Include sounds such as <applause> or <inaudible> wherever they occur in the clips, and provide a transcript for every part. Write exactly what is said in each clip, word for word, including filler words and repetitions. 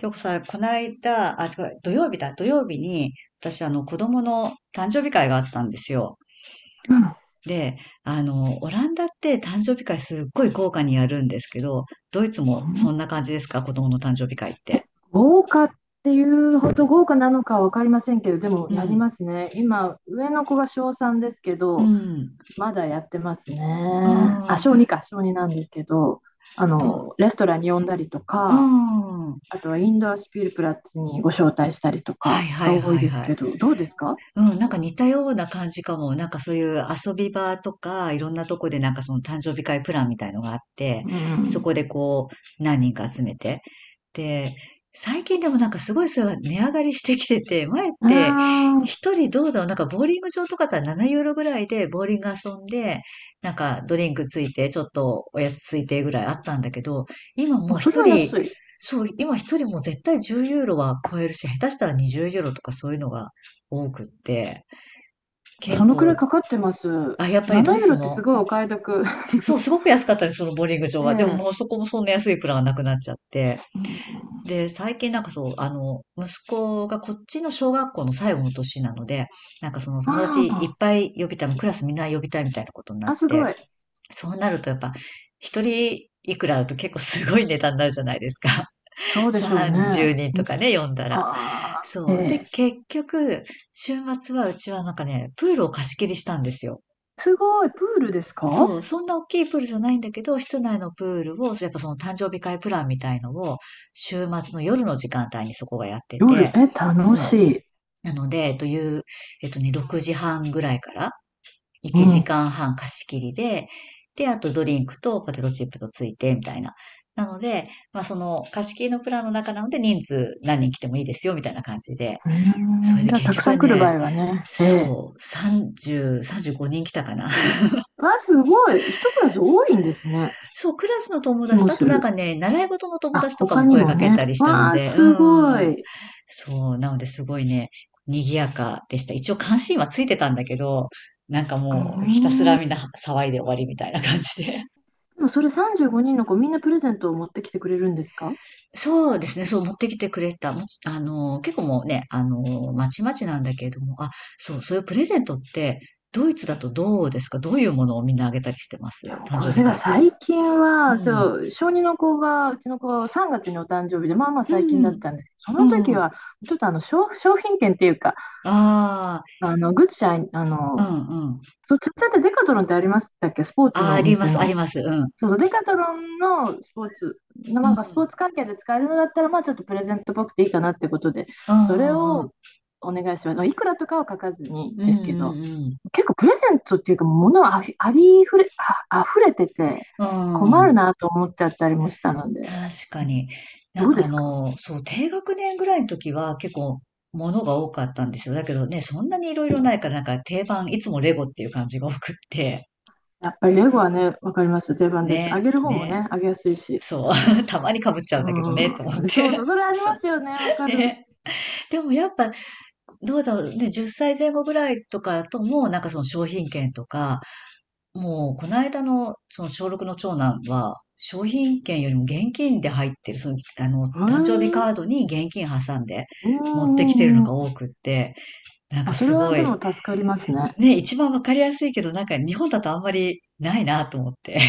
今日さ、この間、あ、違う、土曜日だ、土曜日に、私、あの、子供の誕生日会があったんですよ。うんで、あの、オランダって誕生日会すっごい豪華にやるんですけど、ドイツもそんな感じですか、子供の誕生日会って？豪華っていうほど豪華なのかは分かりませんけど、でもうやりん、ますね。今、上の子が小さんですけうど、ん、まだやってますうね。あ、ん、小にか、小になんですけど、あど、の、レストランに呼んだりとうか、ん、はあとはインドアスピルプラッツにご招待したりといはかがい多いはいですはい。けど、どうですか？うん、なんか似たような感じかも。なんかそういう遊び場とか、いろんなとこでなんかその誕生日会プランみたいのがあって、うそこん。でこう、何人か集めて。で、最近でもなんかすごいそれが値上がりしてきてて、前っあて一人どうだろう、なんかボーリング場とかだったらななユーロぐらいでボーリング遊んで、なんかドリンクついて、ちょっとおやつついてぐらいあったんだけど、今もうあ、それ一は人、安い。そう、今一人もう絶対じゅうユーロは超えるし、下手したらにじゅうユーロとかそういうのが多くって、そ結のくらい構、かかってます。あ、やっぱりドななイユーツロってすも、ごいお買い得。そう、すごく安かったです、そのボーリング場 <laughs> えは。でもえ。もうそこもそんな安いプランがなくなっちゃって。うん。で、最近なんかそう、あの、息子がこっちの小学校の最後の年なので、なんかその友達あいっあ、ぱい呼びたい、もうクラスみんな呼びたいみたいなことになっあすごて、い。そうなるとやっぱ、一人いくらだと結構すごい値段になるじゃないですか。<laughs> そうでしょうね。さんじゅうにんうとん。かね、呼んだら。ああ、えそう。で、え。結局、週末はうちはなんかね、プールを貸し切りしたんですよ。すごい、プールですか？そう、そんな大きいプールじゃないんだけど、室内のプールを、やっぱその誕生日会プランみたいのを、週末の夜の時間帯にそこがやって夜、て、え、う楽ん。しい。なので、という、えっとね、ろくじはんぐらいからう1ん。う時間半貸し切りで、で、あとドリンクとポテトチップとついて、みたいな。なので、まあその貸し切りのプランの中なので人数何人来てもいいですよ、みたいな感じで。それーん、でじゃあ、結たくさ局ん来る場ね、合はね。ええ。そう、さんじゅう、さんじゅうごにん来たかな。わあ、すごい。一クラス多いんですね。そう、クラスの友気達もと、あすとなんかる。ね、習い事の友あ、達とか他もに声もかけたね。りしたのわあ、で、うすごん。い。そう、なのですごいね、賑やかでした。一応関心はついてたんだけど、なんかうーもうひたすらん。みんな騒いで終わりみたいな感じで。でもそれさんじゅうごにんの子、みんなプレゼントを持ってきてくれるんですか？そうですね、そう持ってきてくれた。もちあの、結構もうね、あの、まちまちなんだけれども、あ、そう、そういうプレゼントって、ドイツだとどうですか、どういうものをみんなあげたりしてまいす、やもう誕これ生日が会って？最近うはん。そう、小二の子がうちの子さんがつにお誕生日で、まあまあう最近だっん。たんですけど、そうの時ん。はちょっとあの商、商品券っていうか、ああ、あのグッチャイあうんのうん。そうちっちゃって、デカトロンってありましたっけ、スポーツあ、のあおりま店す、あの。ります。うん。そうそう、デカトロンのスポーツ、なうんかスポーん。ツ関係で使えるのだったら、まあちょっとプレゼントっぽくていいかなってことで、うそれをんお願いしますいくらとかは書かずに、うでんうすけん。うど、んうんうん。結構プレゼントっていうか、物あふありふれ、あ、溢れててう困るん。なと思っちゃったりもしたので、確かうん、に。などんうかであすか？の、そう、低学年ぐらいの時は結構物が多かったんですよ。だけどね、そんなにいろいろないからなんか定番、いつもレゴっていう感じが多くって。やっぱりレゴはね、わかります。定番です。あね、げる方もね、ね。あげやすいし。そう。<laughs> たまに被っちゃうんだけどね、と思っうん、そうて。そう、それ <laughs> ありそまう。すよね、わかる。ね。でもやっぱ、どうだろうね、じゅっさいぜん後ぐらいとかだともうなんかその商品券とか、もう、この間の、その小ろくの長男は、商品券よりも現金で入ってる、その、あの、へえ、誕生日うカん。ードに現金挟んでう持ってきてるのんうがん。多くって、なんかあ、そすれはごでもい、助かりますね。ね、一番わかりやすいけど、なんか日本だとあんまりないなと思って。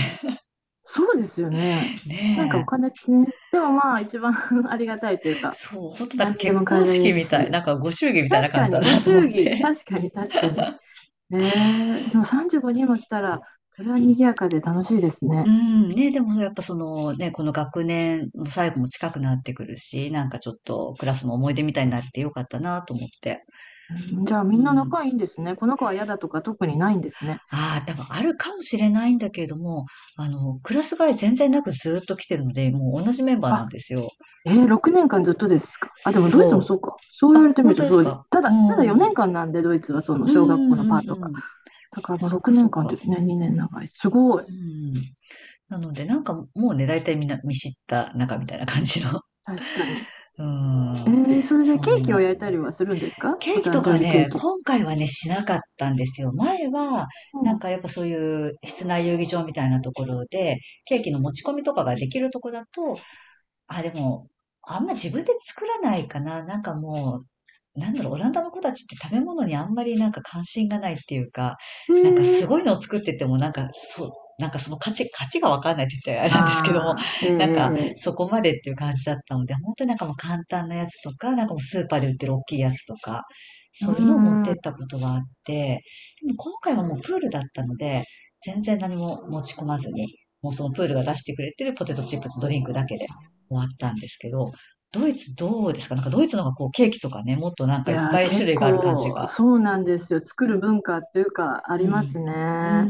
そうですよね。<laughs> なんかおね金ってね、でもまあ一番 <laughs> ありがたいというえ。か、そう、ほんとなん何かにで結も変え婚られ式るみたい、し。なんかご祝儀みたいな確感かじだに、ごなと思祝っ儀、て。確かに確かに。えー、でもさんじゅうごにんも来たら、それは賑やかで楽しいです <laughs> うね。ん、ね、でもやっぱそのね、この学年の最後も近くなってくるし、なんかちょっとクラスの思い出みたいになってよかったなと思って。うん、じゃあうみんなん。仲いいんですね。この子は嫌だとか特にないんですね。ああ、多分あるかもしれないんだけれども、あの、クラス替え全然なくずーっと来てるので、もう同じメンバーなあ、んですよ。えー、ろくねんかんずっとですか？あ、でもドイツもそそうう。か。そう言われあ、てみ本る当とでそすうで、か、たうだ、ただん。う4ん年間なんで、ドイツはそのう小学校のんパーうトが。ん。だからまあそっ6かそ年っ間っか。てね、にねん長い。すごい。うん。なので、なんかもうね、大体みんな見知った仲みたいな感じの。確かに。<laughs> うえん。ー、それでそケーんキをな。焼いたりはするんですか、ケおーキと誕生か日ケーね、キ。今回はね、しなかったんですよ。前は、うなんん、かやっぱそういう室内遊技場みたいなところで、ケーキの持ち込みとかができるとこだと、あ、でも、あんま自分で作らないかな。なんかもう、なんだろう、オランダの子たちって食べ物にあんまりなんか関心がないっていうか、えなんかすー、ごいのを作ってても、なんかそう、なんかその価値、価値、がわかんないって言ったらあれなんですけども、ああ、なんかええそこまでっていう感じだったので、本当になんかもう簡単なやつとか、なんかもうスーパーで売ってる大きいやつとか、ー、そうういうのを持っんうてっん。たことがあって、でも今回はもうプールだったので、全然何も持ち込まずに、もうそのプールが出してくれてるポテトチップとドリンクだけで終わったんですけど、ドイツどうですか、なんかドイツの方がこうケーキとかね、もっとなんいかいっやー、ぱい種結類がある感じ構が。そうなんですよ。作る文化っていうかあうりますん。ね。うな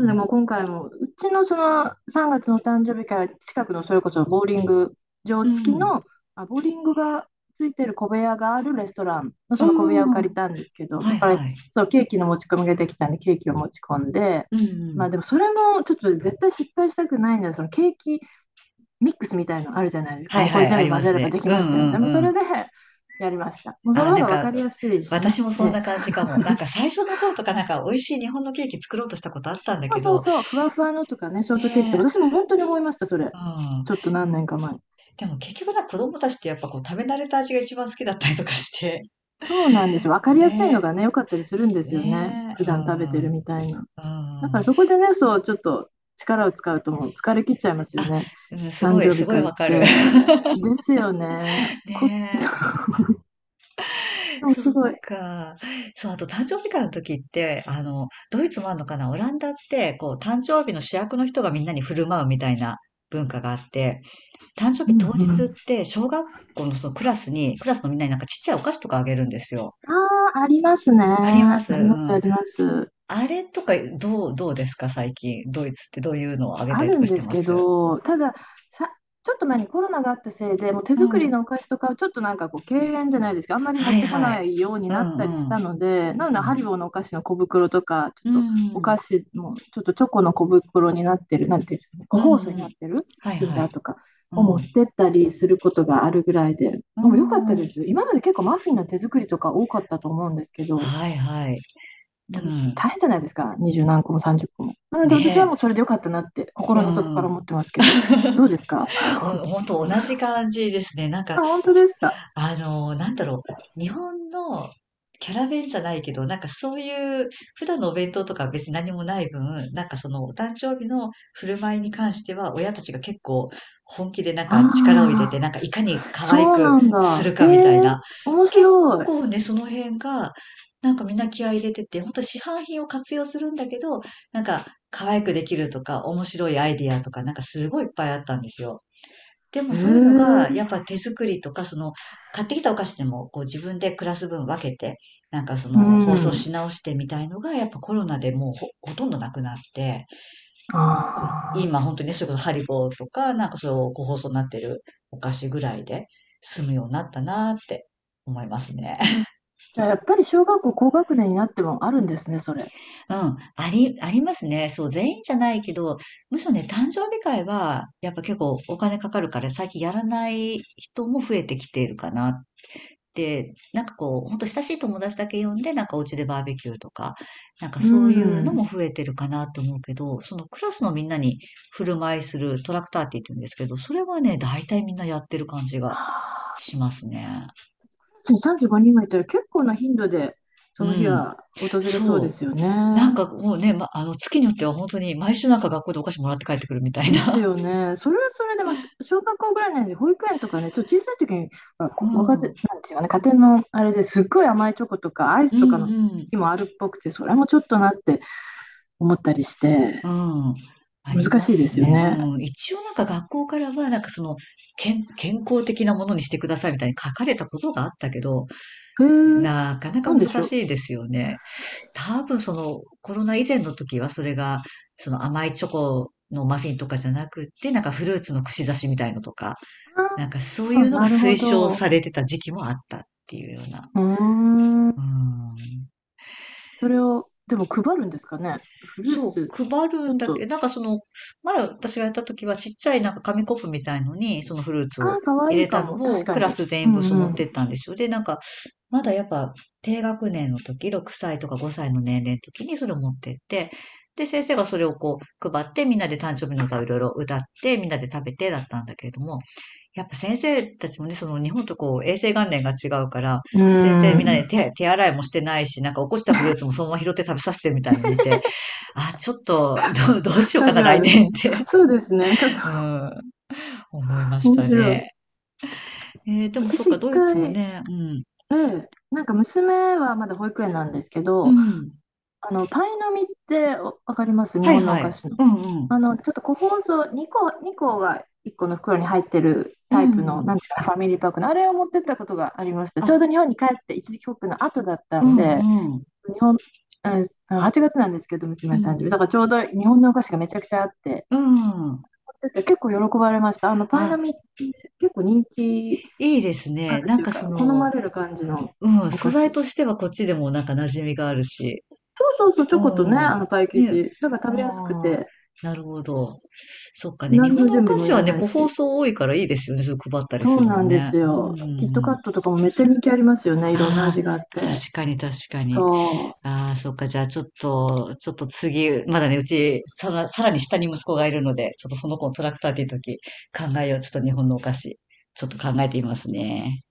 のでん。もう今回もうちのそのさんがつの誕生日会、近くのそれこそボーリング場う付きん。の、あ、ボーリングがついてる小部屋があるレストランのうその小部屋を借ん。りたんですけど、はだいからはい。そうケーキの持ち込みができたんで、ケーキを持ち込んで、うんうまあん。でもそれもちょっと絶対失敗したくないので、そのケーキミックスみたいのあるじゃないですか。はいもうこはれい、全あ部りま混ぜすればね。できうんうますよみたいな。もうそんうれん。でやりました。もうそあのー、方なんが分かか、りやすいしね。私もえそんえ、な感じかも。なんか最初の頃とかなんか美味しい日本のケーキ作ろうとしたことあったんだそけうそうど、そう、ふわふわのとかね、ショーねトケーキとか、私え。も本当に思いました、そうれ。ん。ちょっと何年か前。でも結局な、子供たちってやっぱこう食べ慣れた味が一番好きだったりとかして。そうなんですよ。分かりやすいのがねね、良かったりするんえ。ですよね。ねえ。普う段食べてん。うるみたいな。だからそん。こでね、そう、ちょっと力を使うともう疲れ切っちゃいますよあ、ね。うん、す誕ごい、生す日ごい会っわかる。て。ですよね。<laughs> こ <laughs> ねえ。でもそすっごい。か。そう、あと誕生日会の時って、あの、ドイツもあるのかなオランダって、こう、誕生日の主役の人がみんなに振る舞うみたいな文化があって、誕生う日ん当う日っん。て、小学校のそのクラスに、クラスのみんなになんかちっちゃいお菓子とかあげるんですよ。ああ、ありますね。ありまあす。うります、あん。ります。あれとか、どう、どうですか最近？ドイツってどういうのをあげあたりとるんかしでてすまけす？ど、ただ、さ、ちょっと前にコロナがあったせいで、もう手う作りん。のお菓子とかはちょっとなんかこう、敬遠じゃないですけど、あんまり持はっいてこはない。いようにうなったりしんうん。たので、うなので、ハリん。ボーのお菓子の小袋とか、ちうょっとおん。菓子も、ちょっとチョコの小袋になってる、なんていうんですかね、個うん包装にうなっん。てる、はいキンはダい。ーとかうをん。持うってったりすることがあるぐらいで、でーも良かったん。です。今まで結構マフィンの手作りとか多かったと思うんですけど、はいはい。でうもん。大変じゃないですか、二十何個も三十個も。なので私はね。もうそれでよかったなってう心の底からん。思ってますけど、どうですか？お、ほんと同じ感じですね。なんかあ、本当ですか？あの、なんだろう、日本のキャラ弁じゃないけど、なんかそういう普段のお弁当とかは別に何もない分、なんかそのお誕生日の振る舞いに関しては親たちが結構本気でなんあか力を入れあ、て、なんかいかに可愛そうくなんするだ。えかみたいえ、な。面結白い。構ね、その辺が、なんかみんな気合い入れてて、本当市販品を活用するんだけど、なんか可愛くできるとか面白いアイディアとかなんかすごいいっぱいあったんですよ。でへもそういうのえ。が、やっぱ手作りとか、その、買ってきたお菓子でも、こう自分でクラス分分けて、なんかそうの、包装ん。し直してみたいのが、やっぱコロナでもうほ、ほとんどなくなって、もうああ。今本当にね、それこそハリボーとか、なんかそう、個包装になってるお菓子ぐらいで済むようになったなーって思いますね。<laughs> じゃあやっぱり小学校高学年になってもあるんですね、それ。うん、あり、ありますね。そう、全員じゃないけど、むしろね、誕生日会は、やっぱ結構お金かかるから、最近やらない人も増えてきているかな。で、なんかこう、ほんと親しい友達だけ呼んで、なんかお家でバーベキューとか、なんかうそういうのもん。増えてるかなと思うけど、そのクラスのみんなに振る舞いするトラクターって言うんですけど、それはね、大体みんなやってる感じがはあ、しますね。さんじゅうごにんもいたら結構な頻度でそうの日ん。が訪れそうでそすよう。なね。んかもうね、ま、あの、月によっては本当に毎週なんか学校でお菓子もらって帰ってくるみたいですな。よね。それはそれで、まあ、し小学校ぐらいなんで、保育園とかね、ちょっと小さい時に、まあ、<laughs> うこご家ん。庭、うんなんていうかね、家庭のあれですっごい甘いチョコとかアイスうとかのん。日もあるっぽくて、それもちょっとなって思ったりして、うん。あり難ましいですすよね。ね。うん。一応なんか学校からは、なんかその、健、健康的なものにしてくださいみたいに書かれたことがあったけど、へえ、なかなかなんでし難ょう。しいですよね。多分その、コロナ以前の時はそれが、その甘いチョコのマフィンとかじゃなくって、なんかフルーツの串刺しみたいのとか、あなんかそういあ、うのがなるほ推奨ど。されてた時期もあったっていうような。うーうん。ん。それを、でも配るんですかね。フルーそツ、う、配ちるょんっだけと、ど、なんかその、前私がやった時はちっちゃいなんか紙コップみたいのに、そのフルーツあをあ、かわ入いいれかたのも。確をかクラに。ス全う員分んそうう持っん。てったんですよ。で、なんか、まだやっぱ低学年の時、ろくさいとかごさいの年齢の時にそれを持ってって、で、先生がそれをこう配ってみんなで誕生日の歌をいろいろ歌ってみんなで食べてだったんだけれども、やっぱ先生たちもね、その日本とこう衛生観念が違うから、うー全然みんなでん。手、手洗いもしてないし、なんか起こしたフルーツもそのまま拾って食べさせてみたいなの見て、あ、ちょっと、<laughs> どう、どうしようカかジな、ュア来ル。年って そうですね。ちょっと <laughs> うん、思いまし面た白い。ね。えー、でもそっ私か、一ドイツも回、ね、うん、あなんか娘はまだ保育園なんですけうど、ん。あの、パイの実っておわかります、日はい本のおは菓い。子の。うんうあん。の、ちょっと個包装、にこ、にこがいっこの袋に入ってるうタイプんうの、ん。なんていうかな、ファミリーパックの、あれを持ってったことがありました。ちょあ、うど日本に帰って一時帰国の後だったうんで、んうん。日本、うん、はちがつなんですけど、う娘の誕生日。だん。からちょうど日本のお菓子がめちゃくちゃあって、うん。持ってって結構喜ばれました。あの、パイのあ、実って結構人気。いいですあね。るなとんいうかか、そ好の、まれる感じのうん、お素菓材子。としてはこっちでもなんか馴染みがあるし。そうそうそう、チョコとね、うあん。のパイ生ね。地。だからあ食べやすくあ、て、なるほど。そっかね。日何本ののお準備菓も子いはらね、ない個包し。装多いからいいですよね。それ配ったりそすうるなのんでね。すうんうよ。んキットうカん。ットとかもめっちゃ人気ありますよね。いろんなああ、味があって。確かに確かに。そう。ああ、そっか。じゃあちょっと、ちょっと次、まだね、うち、さら、さらに下に息子がいるので、ちょっとその子のトラクターっていう時、考えよう。ちょっと日本のお菓子、ちょっと考えてみますね。